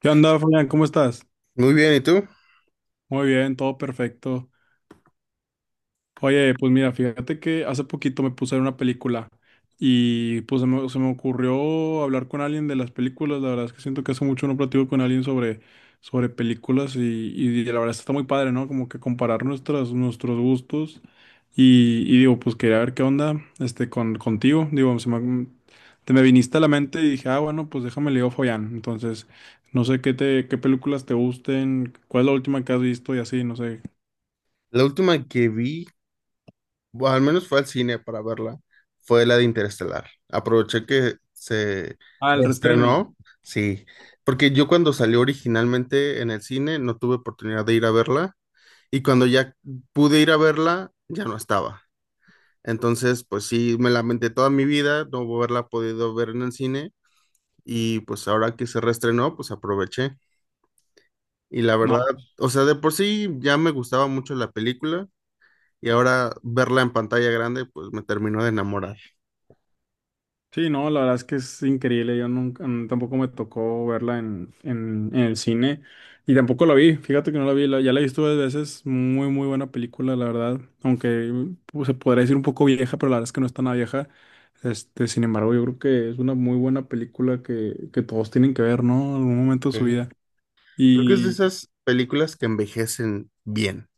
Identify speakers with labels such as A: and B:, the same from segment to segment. A: ¿Qué onda, Fabián? ¿Cómo estás?
B: Muy bien, ¿y tú?
A: Muy bien, todo perfecto. Oye, pues mira, fíjate que hace poquito me puse a ver una película y pues se me ocurrió hablar con alguien de las películas. La verdad es que siento que hace mucho no platico con alguien sobre películas y la verdad está muy padre, ¿no? Como que comparar nuestros gustos y digo, pues quería ver qué onda contigo. Digo, te me viniste a la mente y dije, ah, bueno, pues déjame leo Follán. Entonces, no sé qué películas te gusten, cuál es la última que has visto y así, no sé.
B: La última que vi, o al menos fue al cine para verla, fue la de Interestelar. Aproveché que se
A: Ah, el restreno.
B: reestrenó, sí, porque yo cuando salió originalmente en el cine no tuve oportunidad de ir a verla y cuando ya pude ir a verla ya no estaba. Entonces, pues sí, me lamenté toda mi vida no haberla podido ver en el cine y pues ahora que se reestrenó, pues aproveché. Y la verdad,
A: No.
B: o sea, de por sí ya me gustaba mucho la película y ahora verla en pantalla grande, pues me terminó de enamorar.
A: Sí, no, la verdad es que es increíble. Yo nunca, tampoco me tocó verla en el cine y tampoco la vi. Fíjate que no la vi, ya la he visto varias veces. Muy, muy buena película, la verdad. Aunque pues, se podría decir un poco vieja, pero la verdad es que no es tan vieja. Este, sin embargo, yo creo que es una muy buena película que todos tienen que ver, ¿no? En algún momento de su
B: Ok.
A: vida.
B: Creo que es de
A: Y
B: esas películas que envejecen bien.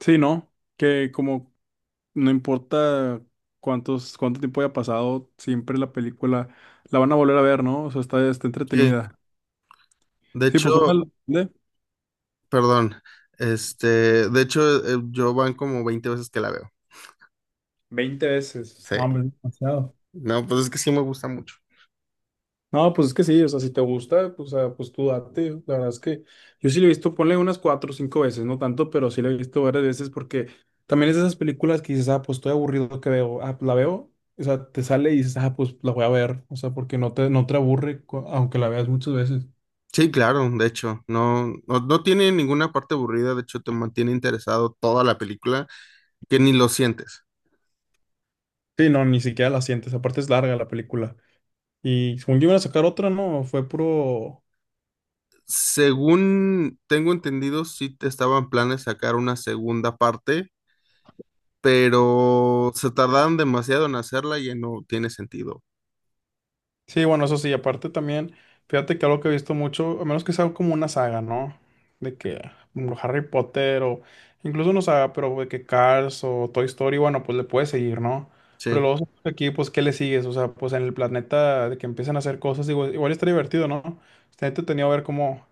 A: sí, ¿no? Que como no importa cuánto tiempo haya pasado, siempre la película la van a volver a ver, ¿no? O sea, está
B: Sí,
A: entretenida.
B: de
A: Sí, pues una,
B: hecho,
A: ¿de?
B: perdón, este, de hecho, yo van como 20 veces que la veo.
A: 20 veces.
B: Sí,
A: No, hombre, es demasiado.
B: no, pues es que sí me gusta mucho.
A: No, pues es que sí, o sea, si te gusta, pues, o sea, pues tú date. La verdad es que yo sí lo he visto, ponle unas cuatro o cinco veces, no tanto, pero sí lo he visto varias veces porque también es de esas películas que dices, ah, pues estoy aburrido que veo, ah, pues, la veo, o sea, te sale y dices, ah, pues la voy a ver, o sea, porque no te aburre aunque la veas muchas veces.
B: Sí, claro, de hecho, no, no, no tiene ninguna parte aburrida, de hecho te mantiene interesado toda la película, que ni lo sientes.
A: Sí, no, ni siquiera la sientes, aparte es larga la película. Y según yo iban a sacar otra, no, fue puro.
B: Según tengo entendido, sí te estaban planes sacar una segunda parte, pero se tardaron demasiado en hacerla y ya no tiene sentido.
A: Sí, bueno, eso sí, aparte también, fíjate que algo que he visto mucho, a menos que sea como una saga, ¿no? De que Harry Potter o incluso no saga, pero de que Cars o Toy Story, bueno, pues le puedes seguir, ¿no? Pero
B: Sí,
A: luego sabes que aquí, pues, ¿qué le sigues? O sea, pues en el planeta de que empiezan a hacer cosas, digo, igual está divertido, ¿no? Está entretenido ver cómo,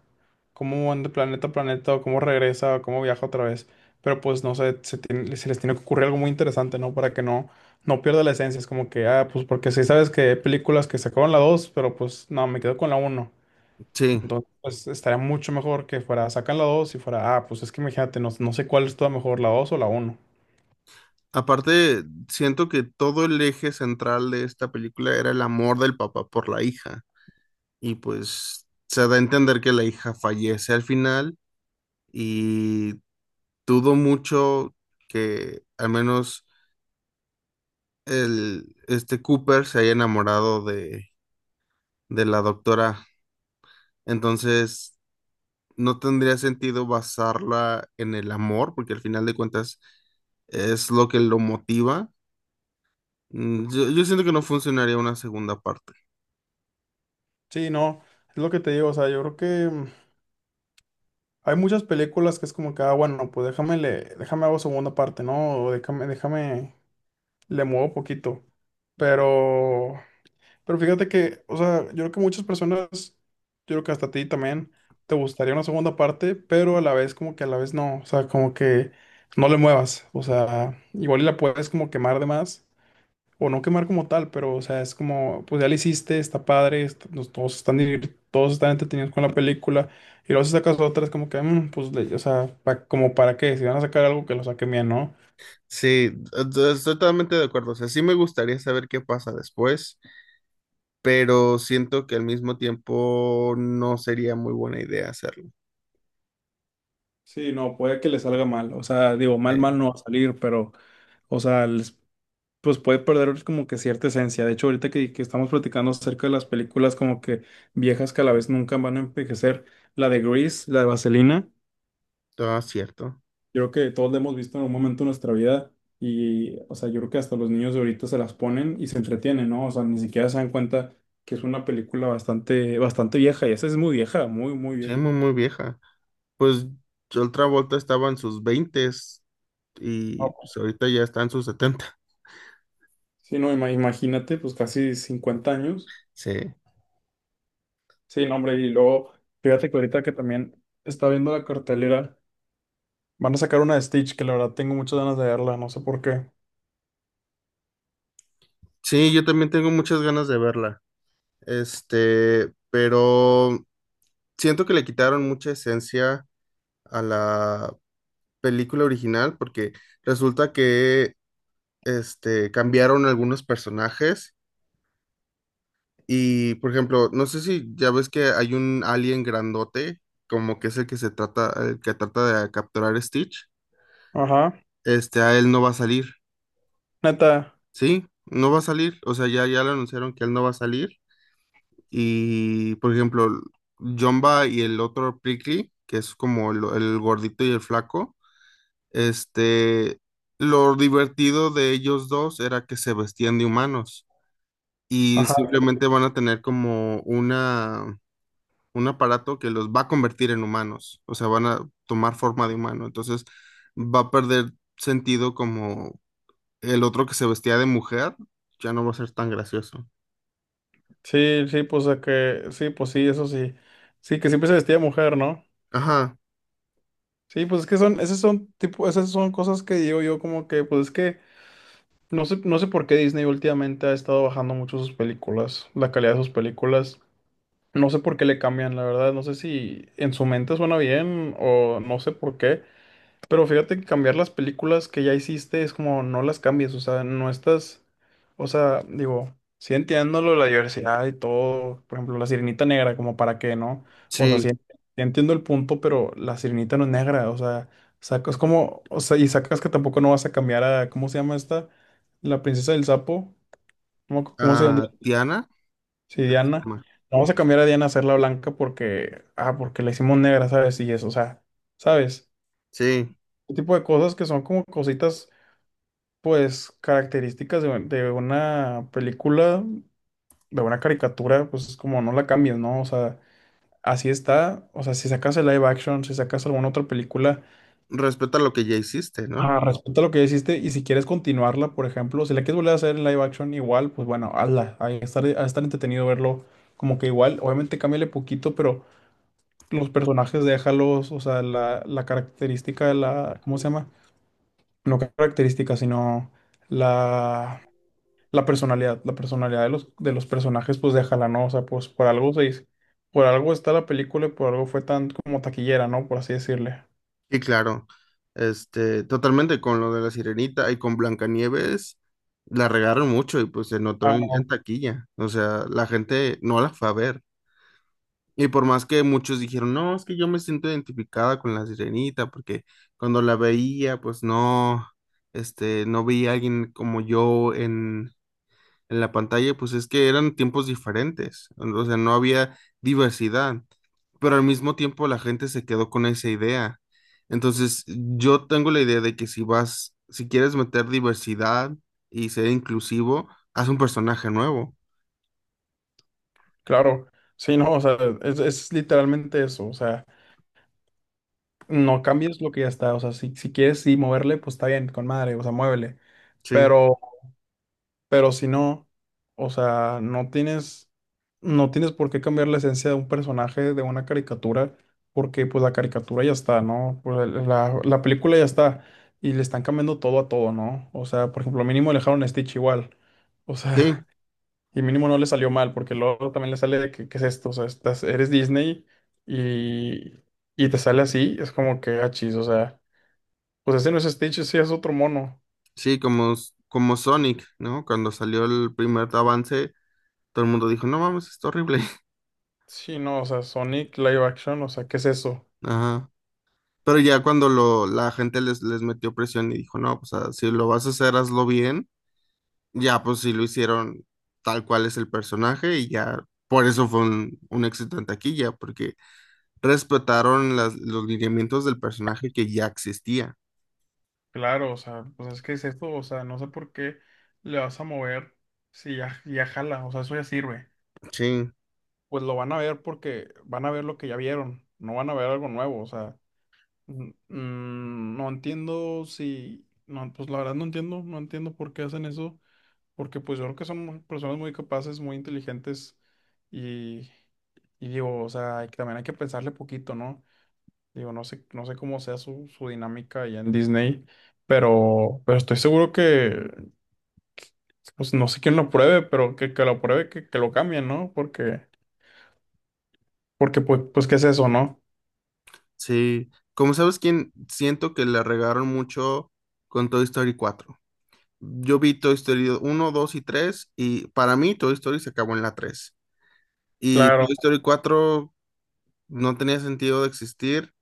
A: cómo van de planeta a planeta, o cómo regresa, o cómo viaja otra vez. Pero pues no sé, se les tiene que ocurrir algo muy interesante, ¿no? Para que no pierda la esencia. Es como que, ah, pues porque sí sabes que hay películas que sacaron la 2 pero pues no, me quedo con la uno.
B: sí.
A: Entonces, pues estaría mucho mejor que fuera, sacan la 2 y fuera, ah, pues es que imagínate, no, no sé cuál es toda mejor, la 2 o la uno.
B: Aparte, siento que todo el eje central de esta película era el amor del papá por la hija. Y pues se da a entender que la hija fallece al final y dudo mucho que al menos este Cooper se haya enamorado de la doctora. Entonces, no tendría sentido basarla en el amor, porque al final de cuentas es lo que lo motiva. Yo siento que no funcionaría una segunda parte.
A: Sí, no, es lo que te digo, o sea, yo creo que hay muchas películas que es como que, ah, bueno, pues déjame hago segunda parte, ¿no? O déjame le muevo poquito. Pero, pero fíjate que, o sea, yo creo que muchas personas, yo creo que hasta a ti también, te gustaría una segunda parte, pero a la vez como que a la vez no, o sea, como que no le muevas, o sea, igual y la puedes como quemar de más, o no quemar como tal, pero, o sea, es como, pues ya la hiciste, está padre, todos están, todos están entretenidos con la película, y luego si sacas otra es como que, pues, o sea, como para qué, si van a sacar algo que lo saquen bien, ¿no?
B: Sí, estoy totalmente de acuerdo. O sea, sí me gustaría saber qué pasa después, pero siento que al mismo tiempo no sería muy buena idea hacerlo.
A: Sí, no, puede que le salga mal. O sea, digo, mal,
B: Sí,
A: mal no va a salir, pero, o sea, pues puede perder como que cierta esencia. De hecho, ahorita que estamos platicando acerca de las películas como que viejas que a la vez nunca van a envejecer, la de Grease, la de Vaselina,
B: todo cierto.
A: yo creo que todos la hemos visto en algún momento de nuestra vida. Y, o sea, yo creo que hasta los niños de ahorita se las ponen y se entretienen, ¿no? O sea, ni siquiera se dan cuenta que es una película bastante, bastante vieja. Y esa es muy vieja, muy, muy
B: Sí,
A: vieja.
B: muy, muy vieja. Pues otra vuelta estaba en sus veintes y
A: No,
B: pues ahorita ya está en sus setenta.
A: sí, no, imagínate, pues casi 50 años.
B: Sí.
A: Sí, no, hombre, y luego, fíjate que ahorita que también está viendo la cartelera, van a sacar una de Stitch, que la verdad tengo muchas ganas de verla, no sé por qué.
B: Sí, yo también tengo muchas ganas de verla. Este, pero siento que le quitaron mucha esencia a la película original porque resulta que este cambiaron algunos personajes y por ejemplo, no sé si ya ves que hay un alien grandote, como que es el que se trata el que trata de capturar a Stitch.
A: Ajá,
B: Este, a él no va a salir,
A: neta,
B: ¿sí? No va a salir, o sea, ya le anunciaron que él no va a salir. Y, por ejemplo, Jumba y el otro Prickly, que es como el gordito y el flaco, este, lo divertido de ellos dos era que se vestían de humanos y
A: ajá,
B: simplemente van a tener como un aparato que los va a convertir en humanos, o sea, van a tomar forma de humano, entonces va a perder sentido como el otro que se vestía de mujer, ya no va a ser tan gracioso.
A: sí, sí, pues a que, sí, pues sí, eso sí. Sí, que siempre se vestía de mujer, ¿no?
B: Ajá,
A: Sí, pues es que son, esas son tipo, esas son cosas que digo yo como que, pues es que no sé por qué Disney últimamente ha estado bajando mucho sus películas, la calidad de sus películas. No sé por qué le cambian, la verdad, no sé si en su mente suena bien o no sé por qué. Pero fíjate que cambiar las películas que ya hiciste es como no las cambies, o sea, no estás, o sea, digo, sí entiendo lo de la diversidad y todo, por ejemplo, la Sirenita Negra, como para qué, ¿no? O sea, sí,
B: sí,
A: sí entiendo el punto, pero la Sirenita no es negra, o sea, sacas como, o sea, y sacas que tampoco no vas a cambiar a, ¿cómo se llama esta? La princesa del sapo, ¿cómo se llama?
B: a Tiana,
A: Sí,
B: creo que se
A: Diana.
B: llama.
A: No vamos a cambiar a Diana a hacerla blanca porque, ah, porque la hicimos negra, ¿sabes? Y eso, o sea, ¿sabes?
B: Sí,
A: Este tipo de cosas que son como cositas pues características de una película, de una caricatura, pues es como no la cambies, ¿no? O sea, así está. O sea, si sacas el live action, si sacas alguna otra película,
B: respeta lo que ya hiciste, ¿no?
A: ah, respeta lo que ya hiciste y si quieres continuarla, por ejemplo, si la quieres volver a hacer en live action igual, pues bueno, hazla. Ahí estar, a estar entretenido verlo como que igual. Obviamente cámbiale poquito, pero los personajes déjalos, o sea, la característica de la, ¿cómo se llama? No característica, sino la... la personalidad, la personalidad de los personajes, pues déjala, ¿no? O sea, pues por algo está la película y por algo fue tan como taquillera, ¿no? Por así decirle.
B: Y claro, este, totalmente con lo de la Sirenita y con Blancanieves, la regaron mucho y pues se notó
A: Ah,
B: en,
A: no,
B: taquilla. O sea, la gente no la fue a ver. Y por más que muchos dijeron, no, es que yo me siento identificada con la Sirenita, porque cuando la veía, pues no, este, no veía a alguien como yo en la pantalla, pues es que eran tiempos diferentes, o sea, no había diversidad, pero al mismo tiempo la gente se quedó con esa idea. Entonces, yo tengo la idea de que si quieres meter diversidad y ser inclusivo, haz un personaje nuevo.
A: claro, sí, no, o sea, es literalmente eso, o sea, no cambies lo que ya está, o sea, si quieres sí moverle, pues está bien, con madre, o sea, muévele,
B: Sí,
A: pero Pero, si no, o sea, no tienes por qué cambiar la esencia de un personaje de una caricatura, porque pues la caricatura ya está, ¿no? Pues, la película ya está y le están cambiando todo a todo, ¿no? O sea, por ejemplo, mínimo le dejaron a Stitch igual. O
B: sí,
A: sea, y mínimo no le salió mal, porque luego también le sale de que, ¿qué es esto? O sea, estás, eres Disney y, y te sale así, es como que achis, o sea, pues ese no es Stitch, sí es otro mono.
B: sí, como Sonic, ¿no? Cuando salió el primer avance, todo el mundo dijo, no mames, está horrible.
A: Sí, no, o sea, Sonic Live Action, o sea, ¿qué es eso?
B: Ajá. Pero ya cuando la gente les metió presión y dijo, no, pues si lo vas a hacer, hazlo bien. Ya, pues sí lo hicieron tal cual es el personaje y ya por eso fue un éxito en taquilla, porque respetaron los lineamientos del personaje que ya existía.
A: Claro, o sea, pues es que es esto, o sea, no sé por qué le vas a mover si ya jala, o sea, eso ya sirve.
B: Sí,
A: Pues lo van a ver porque van a ver lo que ya vieron, no van a ver algo nuevo, o sea, mm, no entiendo si, no, pues la verdad no entiendo por qué hacen eso, porque pues yo creo que son personas muy capaces, muy inteligentes y, y digo, o sea, también hay que pensarle poquito, ¿no? Digo, no sé cómo sea su dinámica allá en Disney, pero estoy seguro que, pues no sé quién lo pruebe, pero que lo pruebe, que lo cambien, ¿no? Porque pues, ¿qué es eso, no?
B: sí. Como sabes, quién siento que le regaron mucho con Toy Story cuatro. Yo vi Toy Story uno, 2 y 3 y para mí Toy Story se acabó en la tres. Y
A: Claro.
B: Toy Story 4 no tenía sentido de existir.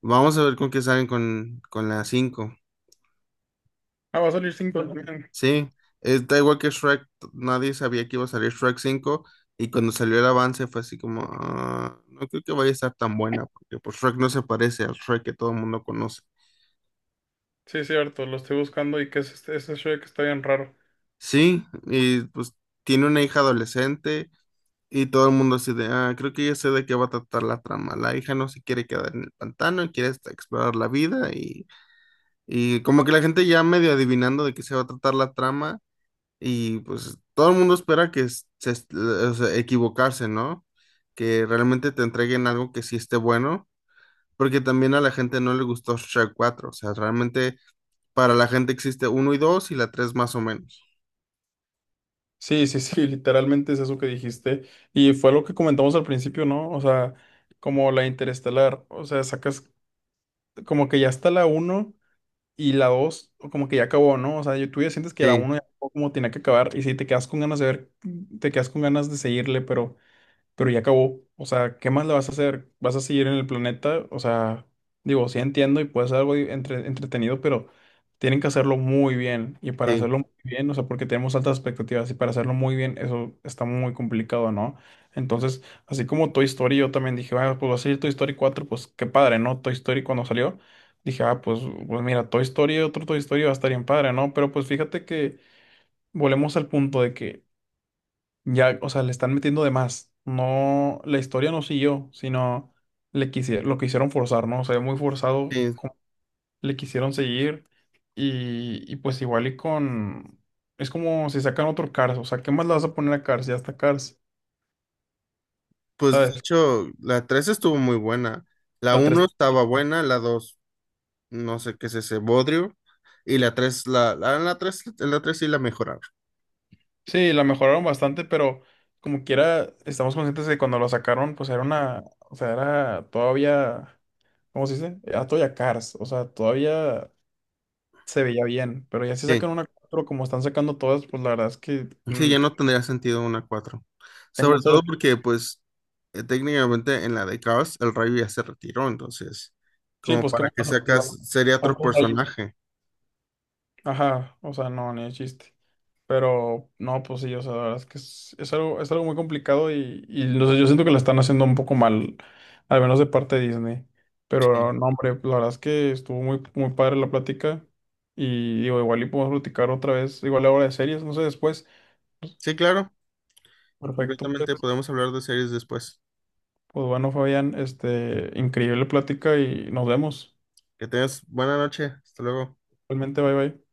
B: Vamos a ver con qué salen con, la cinco.
A: Ah, va a salir cinco también.
B: Sí, da igual que Shrek, nadie sabía que iba a salir Shrek 5 y cuando salió el avance fue así como, "Ah, no creo que vaya a estar tan buena porque pues Shrek no se parece al Shrek que todo el mundo conoce."
A: Sí, cierto, lo estoy buscando y que es este, ese Shrek está bien raro.
B: Sí, y pues tiene una hija adolescente y todo el mundo así de, ah, creo que ya sé de qué va a tratar la trama. La hija no se quiere quedar en el pantano, y quiere hasta explorar la vida y como que la gente ya medio adivinando de qué se va a tratar la trama. Y pues todo el mundo espera que o sea, equivocarse, ¿no? Que realmente te entreguen algo que sí esté bueno, porque también a la gente no le gustó Shrek cuatro, o sea, realmente para la gente existe uno y 2 y la tres más o menos.
A: Sí, sí, sí, literalmente es eso que dijiste. Y fue lo que comentamos al principio, ¿no? O sea, como la Interestelar, o sea, sacas como que ya está la uno. Y la dos, como que ya acabó, ¿no? O sea, yo, tú ya sientes que la
B: Sí,
A: uno ya acabó como tenía que acabar y si te quedas con ganas de ver, te quedas con ganas de seguirle, pero ya acabó. O sea, ¿qué más le vas a hacer? ¿Vas a seguir en el planeta? O sea, digo, sí entiendo y puede ser algo entretenido, pero tienen que hacerlo muy bien. Y para
B: sí,
A: hacerlo muy bien, o sea, porque tenemos altas expectativas y para hacerlo muy bien, eso está muy complicado, ¿no? Entonces, así como Toy Story, yo también dije, bueno, pues va a salir Toy Story 4, pues qué padre, ¿no? Toy Story cuando salió. Dije, ah, pues mira, Toy Story, otro Toy Story va a estar bien padre, ¿no? Pero pues fíjate que volvemos al punto de que ya, o sea, le están metiendo de más. No, la historia no siguió, sino lo quisieron forzar, ¿no? O sea, muy forzado,
B: sí.
A: como le quisieron seguir y pues igual y con. Es como si sacan otro Cars, o sea, ¿qué más le vas a poner a Cars? Ya está Cars,
B: Pues de
A: ¿sabes?
B: hecho la 3 estuvo muy buena, la
A: La tres
B: uno estaba buena, la 2 no sé qué es ese bodrio, y la tres sí la mejoraron.
A: sí, la mejoraron bastante, pero como quiera, estamos conscientes de que cuando lo sacaron, pues era una. O sea, era todavía. ¿Cómo se dice? Era todavía Cars, o sea, todavía se veía bien, pero ya si sacan una 4 como están sacando todas, pues la verdad es que
B: Sí, ya no tendría sentido una cuatro. Sobre
A: tengo cero.
B: todo porque, pues, técnicamente en la de Chaos el rayo ya se retiró, entonces,
A: Sí,
B: como
A: pues qué
B: para
A: más
B: que
A: pasa.
B: sacas, sería otro personaje.
A: Ajá, o sea, no, ni de chiste. Pero no, pues sí, o sea, la verdad es que es algo muy complicado y no sé, yo siento que la están haciendo un poco mal, al menos de parte de Disney. Pero
B: Sí,
A: no, hombre, pues, la verdad es que estuvo muy, muy padre la plática. Y digo, igual y podemos platicar otra vez, igual ahora de series, no sé, después.
B: sí, claro,
A: Perfecto, pues.
B: completamente podemos hablar de series después.
A: Pues bueno, Fabián, increíble plática y nos vemos.
B: Que tengas buena noche, hasta luego.
A: Realmente, bye bye.